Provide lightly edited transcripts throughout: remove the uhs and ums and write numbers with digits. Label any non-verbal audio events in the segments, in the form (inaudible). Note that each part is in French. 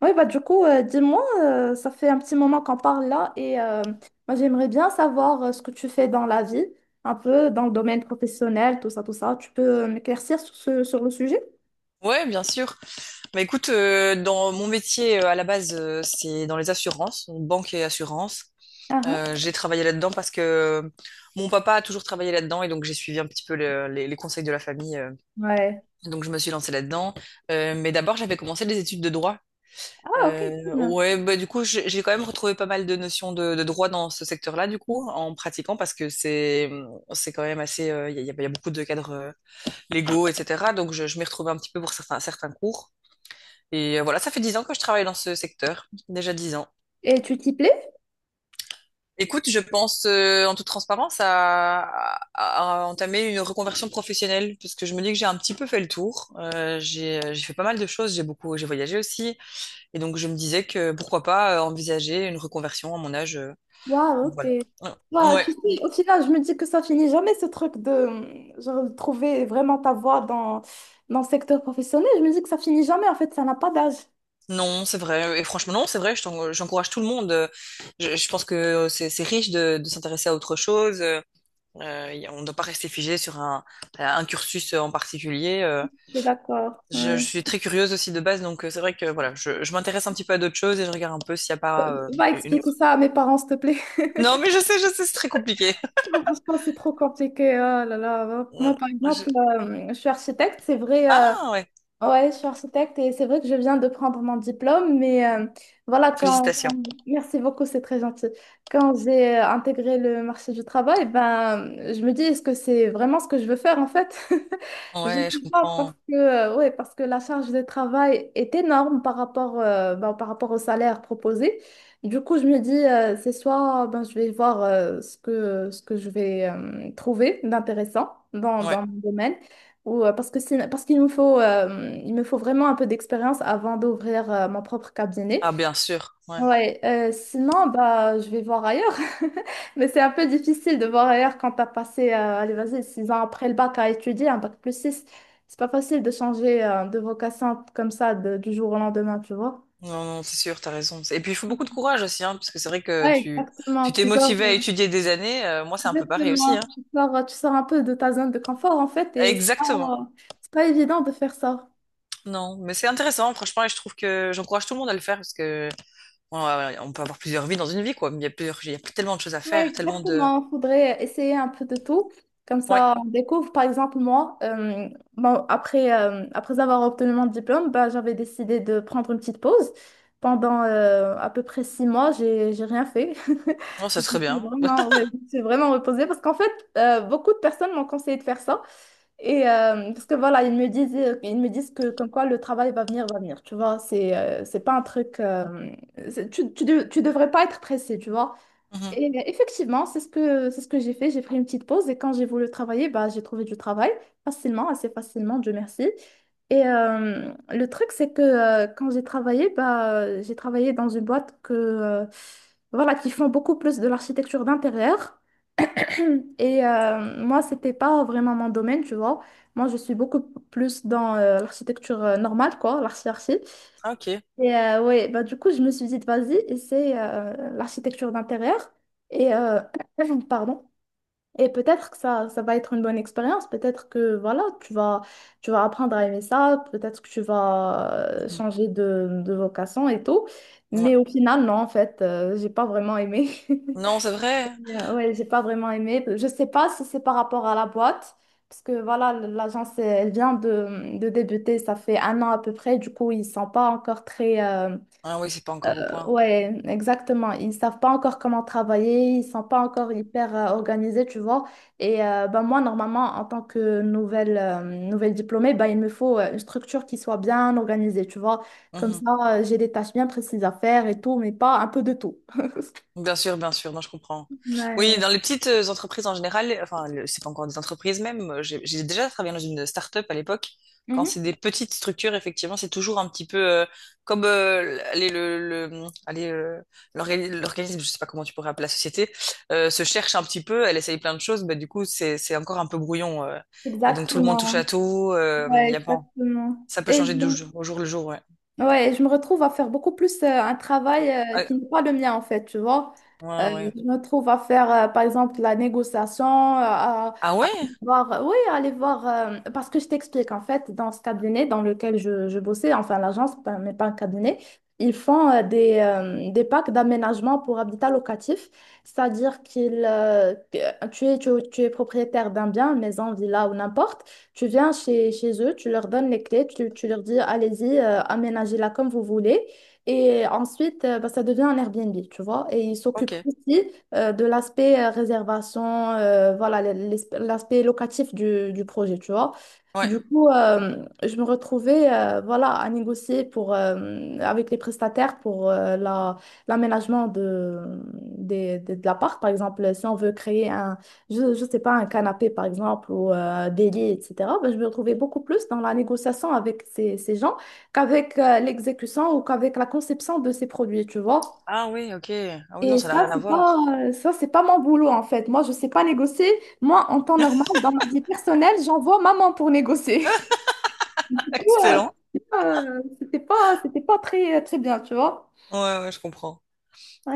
Oui, bah du coup, dis-moi, ça fait un petit moment qu'on parle là et moi j'aimerais bien savoir ce que tu fais dans la vie, un peu dans le domaine professionnel, tout ça, tout ça. Tu peux m'éclaircir sur, sur le sujet? Ouais, bien sûr. Bah écoute, dans mon métier à la base, c'est dans les assurances, donc banque et assurance. Ah, ah. J'ai travaillé là-dedans parce que mon papa a toujours travaillé là-dedans et donc j'ai suivi un petit peu les conseils de la famille. Ouais. Donc je me suis lancée là-dedans. Mais d'abord, j'avais commencé des études de droit. Ah, ok, Euh, cool. ouais, bah du coup, j'ai quand même retrouvé pas mal de notions de droit dans ce secteur-là, du coup, en pratiquant parce que c'est quand même assez, il y, a, y a beaucoup de cadres légaux, etc. Donc je m'y retrouvais un petit peu pour certains cours. Et voilà, ça fait 10 ans que je travaille dans ce secteur, déjà 10 ans. Et tu t'y plais? Écoute, je pense en toute transparence à, à entamer une reconversion professionnelle parce que je me dis que j'ai un petit peu fait le tour. J'ai j'ai fait pas mal de choses, j'ai beaucoup, j'ai voyagé aussi, et donc je me disais que pourquoi pas envisager une reconversion à mon âge. Waouh, Donc ok. voilà. Ouais. Waouh, Ouais. tu sais, au final, je me dis que ça finit jamais ce truc de genre, de trouver vraiment ta voie dans le secteur professionnel. Je me dis que ça finit jamais, en fait, ça n'a pas d'âge. Non, c'est vrai. Et franchement, non, c'est vrai. J'encourage tout le monde. Je pense que c'est riche de s'intéresser à autre chose. On ne doit pas rester figé sur un cursus en particulier. Je suis d'accord. Je Ouais. suis très curieuse aussi de base, donc c'est vrai que voilà, je m'intéresse un petit peu à d'autres choses et je regarde un peu s'il n'y a pas Va une expliquer autre. ça à mes parents, s'il te plaît. Non, mais je sais, c'est très compliqué. (laughs) Franchement, c'est trop compliqué. Oh là là. Ouais. Moi, par Je- exemple, je suis architecte. C'est vrai, Ah ouais, Ouais, je suis architecte et c'est vrai que je viens de prendre mon diplôme, mais voilà, quand, félicitations. quand- Merci beaucoup, c'est très gentil. Quand j'ai intégré le marché du travail, ben, je me dis, est-ce que c'est vraiment ce que je veux faire en fait? (laughs) Je ne Ouais, je sais pas, parce comprends. que, ouais, parce que la charge de travail est énorme par rapport, ben, par rapport au salaire proposé. Du coup, je me dis, c'est soit ben, je vais voir ce ce que je vais trouver d'intéressant Ouais. dans mon domaine. Ou, parce qu'il me faut, il me faut vraiment un peu d'expérience avant d'ouvrir mon propre cabinet. Ah bien sûr. Ouais. Ouais, sinon, bah, je vais voir ailleurs. (laughs) Mais c'est un peu difficile de voir ailleurs quand tu as passé, allez, vas-y, 6 ans après le bac à étudier, un bac plus 6. C'est pas facile de changer de vocation comme ça du jour au lendemain, tu vois. Non, non, c'est sûr, t'as raison. Et puis il faut beaucoup de courage aussi, hein, parce que c'est vrai que Ouais, tu exactement. tu t'es Tu sors, motivé à étudier des années. Moi, c'est un peu pareil aussi, hein. exactement. Tu tu sors un peu de ta zone de confort, en fait, et Exactement. C'est pas évident de faire ça. Non, mais c'est intéressant, franchement, et je trouve que j'encourage tout le monde à le faire parce que Ouais, ouais, ouais, on peut avoir plusieurs vies dans une vie, quoi. Mais il y a plusieurs, il y a tellement de choses à Ouais, faire, tellement de. exactement, il faudrait essayer un peu de tout. Comme Ouais, ça, on découvre. Par exemple, moi, bon, après, après avoir obtenu mon diplôme, bah, j'avais décidé de prendre une petite pause. Pendant à peu près 6 mois, j'ai rien fait. (laughs) non, ça Je me serait suis bien. vraiment, (laughs) ouais, je me suis vraiment reposée parce qu'en fait, beaucoup de personnes m'ont conseillé de faire ça. Et parce que voilà, ils me disent que comme quoi le travail va venir, va venir. Tu vois, c'est pas un truc. Tu devrais pas être pressé, tu vois. Mhm. Et effectivement, c'est ce c'est ce que j'ai fait. J'ai pris une petite pause et quand j'ai voulu travailler, bah, j'ai trouvé du travail facilement, assez facilement, Dieu merci. Et le truc, c'est que quand j'ai travaillé, bah, j'ai travaillé dans une boîte que, voilà, qui font beaucoup plus de l'architecture d'intérieur. (clears throat) Et moi, c'était pas vraiment mon domaine, tu vois. Moi, je suis beaucoup plus dans l'architecture normale, quoi, l'archi-archi. Ah, ok. Et ouais, bah du coup, je me suis dit, vas-y, essaie l'architecture d'intérieur. Et (clears throat) pardon. Et peut-être que ça va être une bonne expérience. Peut-être que voilà, tu vas apprendre à aimer ça. Peut-être que tu vas Mhm. changer de vocation et tout. Ouais. Mais au final, non, en fait, j'ai pas vraiment aimé. (laughs) Non, c'est vrai. Mais, Ouais, j'ai pas vraiment aimé. Je sais pas si c'est par rapport à la boîte, parce que voilà, l'agence, elle vient de débuter, ça fait un an à peu près, du coup, ils sont pas encore très, Ah oui, c'est pas encore au point. Ouais, exactement. Ils savent pas encore comment travailler, ils sont pas encore hyper organisés, tu vois. Et ben moi, normalement, en tant que nouvelle diplômée, ben, il me faut une structure qui soit bien organisée, tu vois. Comme Mhm. ça, j'ai des tâches bien précises à faire et tout, mais pas un peu de tout. (laughs) Bien sûr, non, je comprends. Ouais, Oui, ouais. dans les petites entreprises en général, enfin, c'est pas encore des entreprises même, j'ai déjà travaillé dans une start-up à l'époque. Quand c'est Mhm. des petites structures, effectivement, c'est toujours un petit peu comme allez, le, allez, l'organisme, je sais pas comment tu pourrais appeler la société, se cherche un petit peu, elle essaye plein de choses, mais du coup, c'est encore un peu brouillon. Et donc, tout le monde Exactement. touche à tout, Ouais, y a pas, exactement. ça peut Et je changer du me jour au jour le jour, ouais. Ouais, je me retrouve à faire beaucoup plus un travail Ah, qui n'est pas le mien en fait, tu vois. Ouais, ouais. Je me retrouve à faire par exemple la négociation, Ah ouais? voir, oui, aller voir, parce que je t'explique, en fait, dans ce cabinet dans lequel je bossais, enfin l'agence, mais pas un cabinet, ils font des packs d'aménagement pour habitat locatif, c'est-à-dire que tu es, tu es propriétaire d'un bien, maison, villa ou n'importe, tu viens chez, chez eux, tu leur donnes les clés, tu leur dis, allez-y, aménagez-la comme vous voulez, et ensuite, bah, ça devient un Airbnb, tu vois, et ils Ok. s'occupent aussi de l'aspect réservation, voilà, l'aspect locatif du projet, tu vois. Ouais. Du coup, je me retrouvais voilà, à négocier pour, avec les prestataires pour l'aménagement de l'appart. Par exemple, si on veut créer un, je sais pas, un canapé, par exemple, ou des lits, etc., ben, je me retrouvais beaucoup plus dans la négociation avec ces, ces gens qu'avec l'exécution ou qu'avec la conception de ces produits, tu vois. Ah oui, ok. Ah oui, non, Et ça n'a rien à voir. Ça, c'est pas mon boulot, en fait. Moi, je sais pas négocier. Moi, en temps normal, dans ma vie personnelle, j'envoie maman pour négocier. (laughs) Du (laughs) coup, Excellent. C'était pas très, très bien, tu vois. Ouais, ouais, je comprends.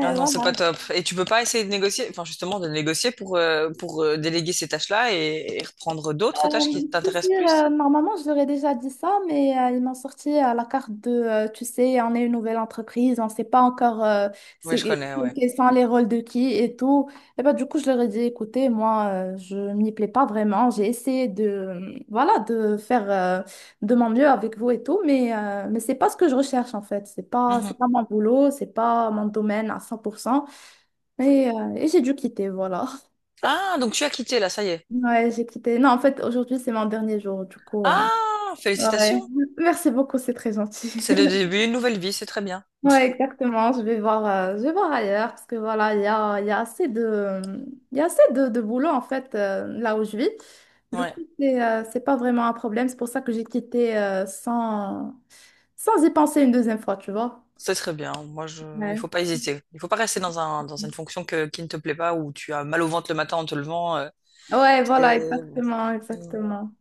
Ah non, c'est pas voilà. top. Et tu peux pas essayer de négocier, enfin justement de négocier pour déléguer ces tâches-là et reprendre d'autres tâches Euh, qui Si, si, t'intéressent plus. Normalement, je leur ai déjà dit ça, mais ils m'ont sorti à la carte de, tu sais, on est une nouvelle entreprise, on ne sait pas encore Oui, c'est, je connais, ouais. quels sont les rôles de qui et tout. Et ben, du coup, je leur ai dit, écoutez, moi, je m'y plais pas vraiment. J'ai essayé de, voilà, de faire de mon mieux avec vous et tout, mais c'est pas ce que je recherche, en fait. C'est Mhm. pas mon boulot, c'est pas mon domaine à 100%. Et j'ai dû quitter, voilà. (laughs) Ah, donc tu as quitté là, ça y est. Ouais, j'ai quitté. Non, en fait, aujourd'hui, c'est mon dernier jour, du coup. Ah, Ouais. félicitations. Merci beaucoup, c'est très gentil. C'est le (laughs) début d'une nouvelle vie, c'est très bien. Ouais, exactement. Je vais voir ailleurs parce que voilà, il y a assez de, il y a assez de boulot en fait là où je vis. Du Ouais, coup, c'est pas vraiment un problème. C'est pour ça que j'ai quitté sans y penser une deuxième fois, tu vois. c'est très bien. Moi, je... il faut Ouais. pas hésiter. Il faut pas rester dans un, dans une fonction que, qui ne te plaît pas, où tu as mal au ventre le matin en te levant. Ouais, C'est- voilà, exactement, Mm. exactement.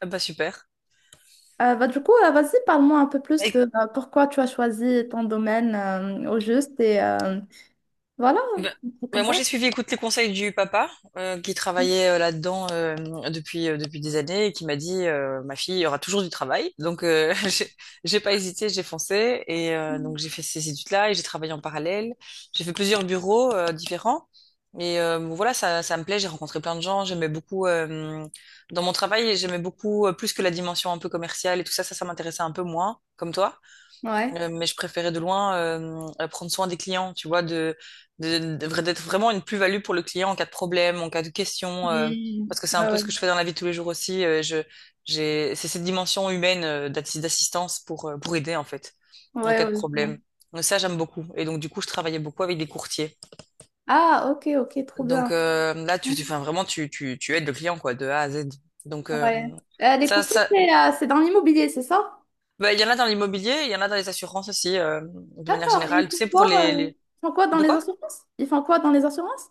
Ah bah super. Bah, du coup, vas-y, parle-moi un peu plus de pourquoi tu as choisi ton domaine au juste et voilà, Ben- un truc Ben comme moi, ça. j'ai suivi, écoute, les conseils du papa qui travaillait là-dedans depuis, depuis des années et qui m'a dit, ma fille, il y aura toujours du travail. Donc, (laughs) j'ai pas hésité, j'ai foncé. Et donc, j'ai fait ces études-là et j'ai travaillé en parallèle. J'ai fait plusieurs bureaux différents. Et bon, voilà, ça me plaît. J'ai rencontré plein de gens. J'aimais beaucoup, dans mon travail, j'aimais beaucoup plus que la dimension un peu commerciale et tout ça. Ça m'intéressait un peu moins, comme toi. Ouais. Mais je préférais de loin prendre soin des clients, tu vois, de, d'être vraiment une plus-value pour le client en cas de problème, en cas de question, Hmm. parce que c'est un Ouais, peu ce ouais. que je fais dans la vie de tous les jours aussi. Je, j'ai, c'est cette dimension humaine d'assistance pour aider, en fait, en Ouais, cas de ouais, je vois. problème. Donc ça, j'aime beaucoup. Et donc, du coup, je travaillais beaucoup avec des courtiers. Ah, ok, ok, trop Donc bien. Là, Hmm. tu, enfin, vraiment, tu aides le client, quoi, de A à Z. Donc Ouais. Les ça, courtiers, ça, c'est dans l'immobilier, c'est ça? bah, il y en a dans l'immobilier, il y en a dans les assurances aussi, de manière D'accord. Et ils générale. Tu font sais, pour quoi, les... ils font quoi dans De les quoi? assurances? Ils font quoi dans les assurances?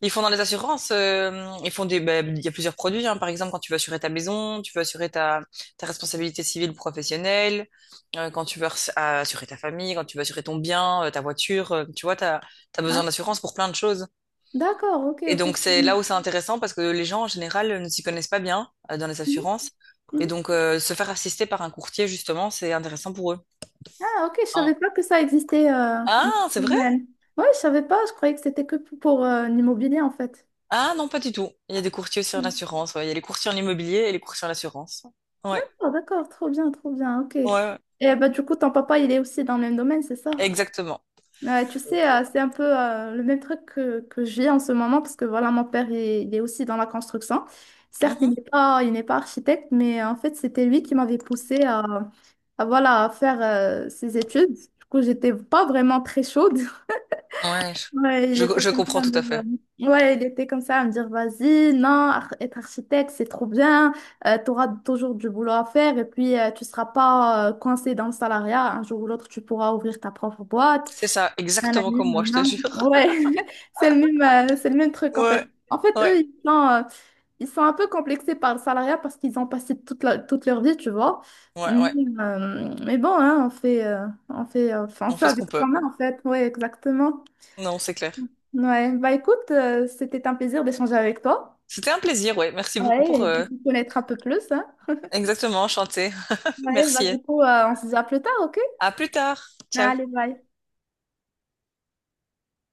Ils font dans les assurances, ils font des, ben, il y a plusieurs produits, hein. Par exemple, quand tu veux assurer ta maison, tu veux assurer ta, ta responsabilité civile professionnelle, quand tu veux assurer ta famille, quand tu veux assurer ton bien, ta voiture, tu vois, t'as, t'as Hein? besoin d'assurance pour plein de choses. D'accord, ok, Et ok. donc, c'est là Mhm, où c'est intéressant parce que les gens, en général, ne s'y connaissent pas bien, dans les mhm, assurances. Et mhm. donc, se faire assister par un courtier, justement, c'est intéressant pour eux. Ah, ok, je Non. savais pas que ça existait. Dans Ah, ce c'est vrai? domaine. Ouais, je savais pas, je croyais que c'était que pour l'immobilier en fait. Ah, non, pas du tout. Il y a des courtiers aussi en assurance, ouais. Il y a les courtiers en immobilier et les courtiers en assurance. Ouais. D'accord, d'accord, trop bien, ok. Ouais, ouais. Et bah, du coup, ton papa, il est aussi dans le même domaine, c'est ça? Exactement. Ouais, tu sais, c'est un peu le même truc que je vis en ce moment, parce que voilà, mon père, il est aussi dans la construction. Certes, Mhm. Il n'est pas architecte, mais en fait, c'était lui qui m'avait poussé voilà, à faire ses études. Du coup, j'étais pas vraiment très chaude. (laughs) Ouais, Ouais, il était je comme ça comprends à me tout dire, à fait. Ouais, il était comme ça à me dire, vas-y, non, être architecte, c'est trop bien, tu auras toujours du boulot à faire, et puis tu seras pas coincé dans le salariat. Un jour ou l'autre, tu pourras ouvrir ta propre boîte. C'est ça, exactement Nanani, comme moi, je te nanan. jure. (laughs) Ouais, (laughs) c'est le même, c'est le même truc en fait. Ouais, En fait, ouais, eux, ils sont un peu complexés par le salariat parce qu'ils ont passé toute leur vie, tu vois. ouais, Mais, ouais. Mais bon, hein, enfin, on On fait fait ce avec qu'on quand peut. même en fait. Ouais, exactement. Non, c'est clair. Ouais, bah écoute, c'était un plaisir d'échanger avec toi. C'était un plaisir, ouais. Merci beaucoup Ouais, pour et de vous connaître un peu plus, hein. exactement chanter. (laughs) Ouais, bah Merci. du coup, on se dit à plus tard, ok? À plus tard. Ciao. Allez, bye.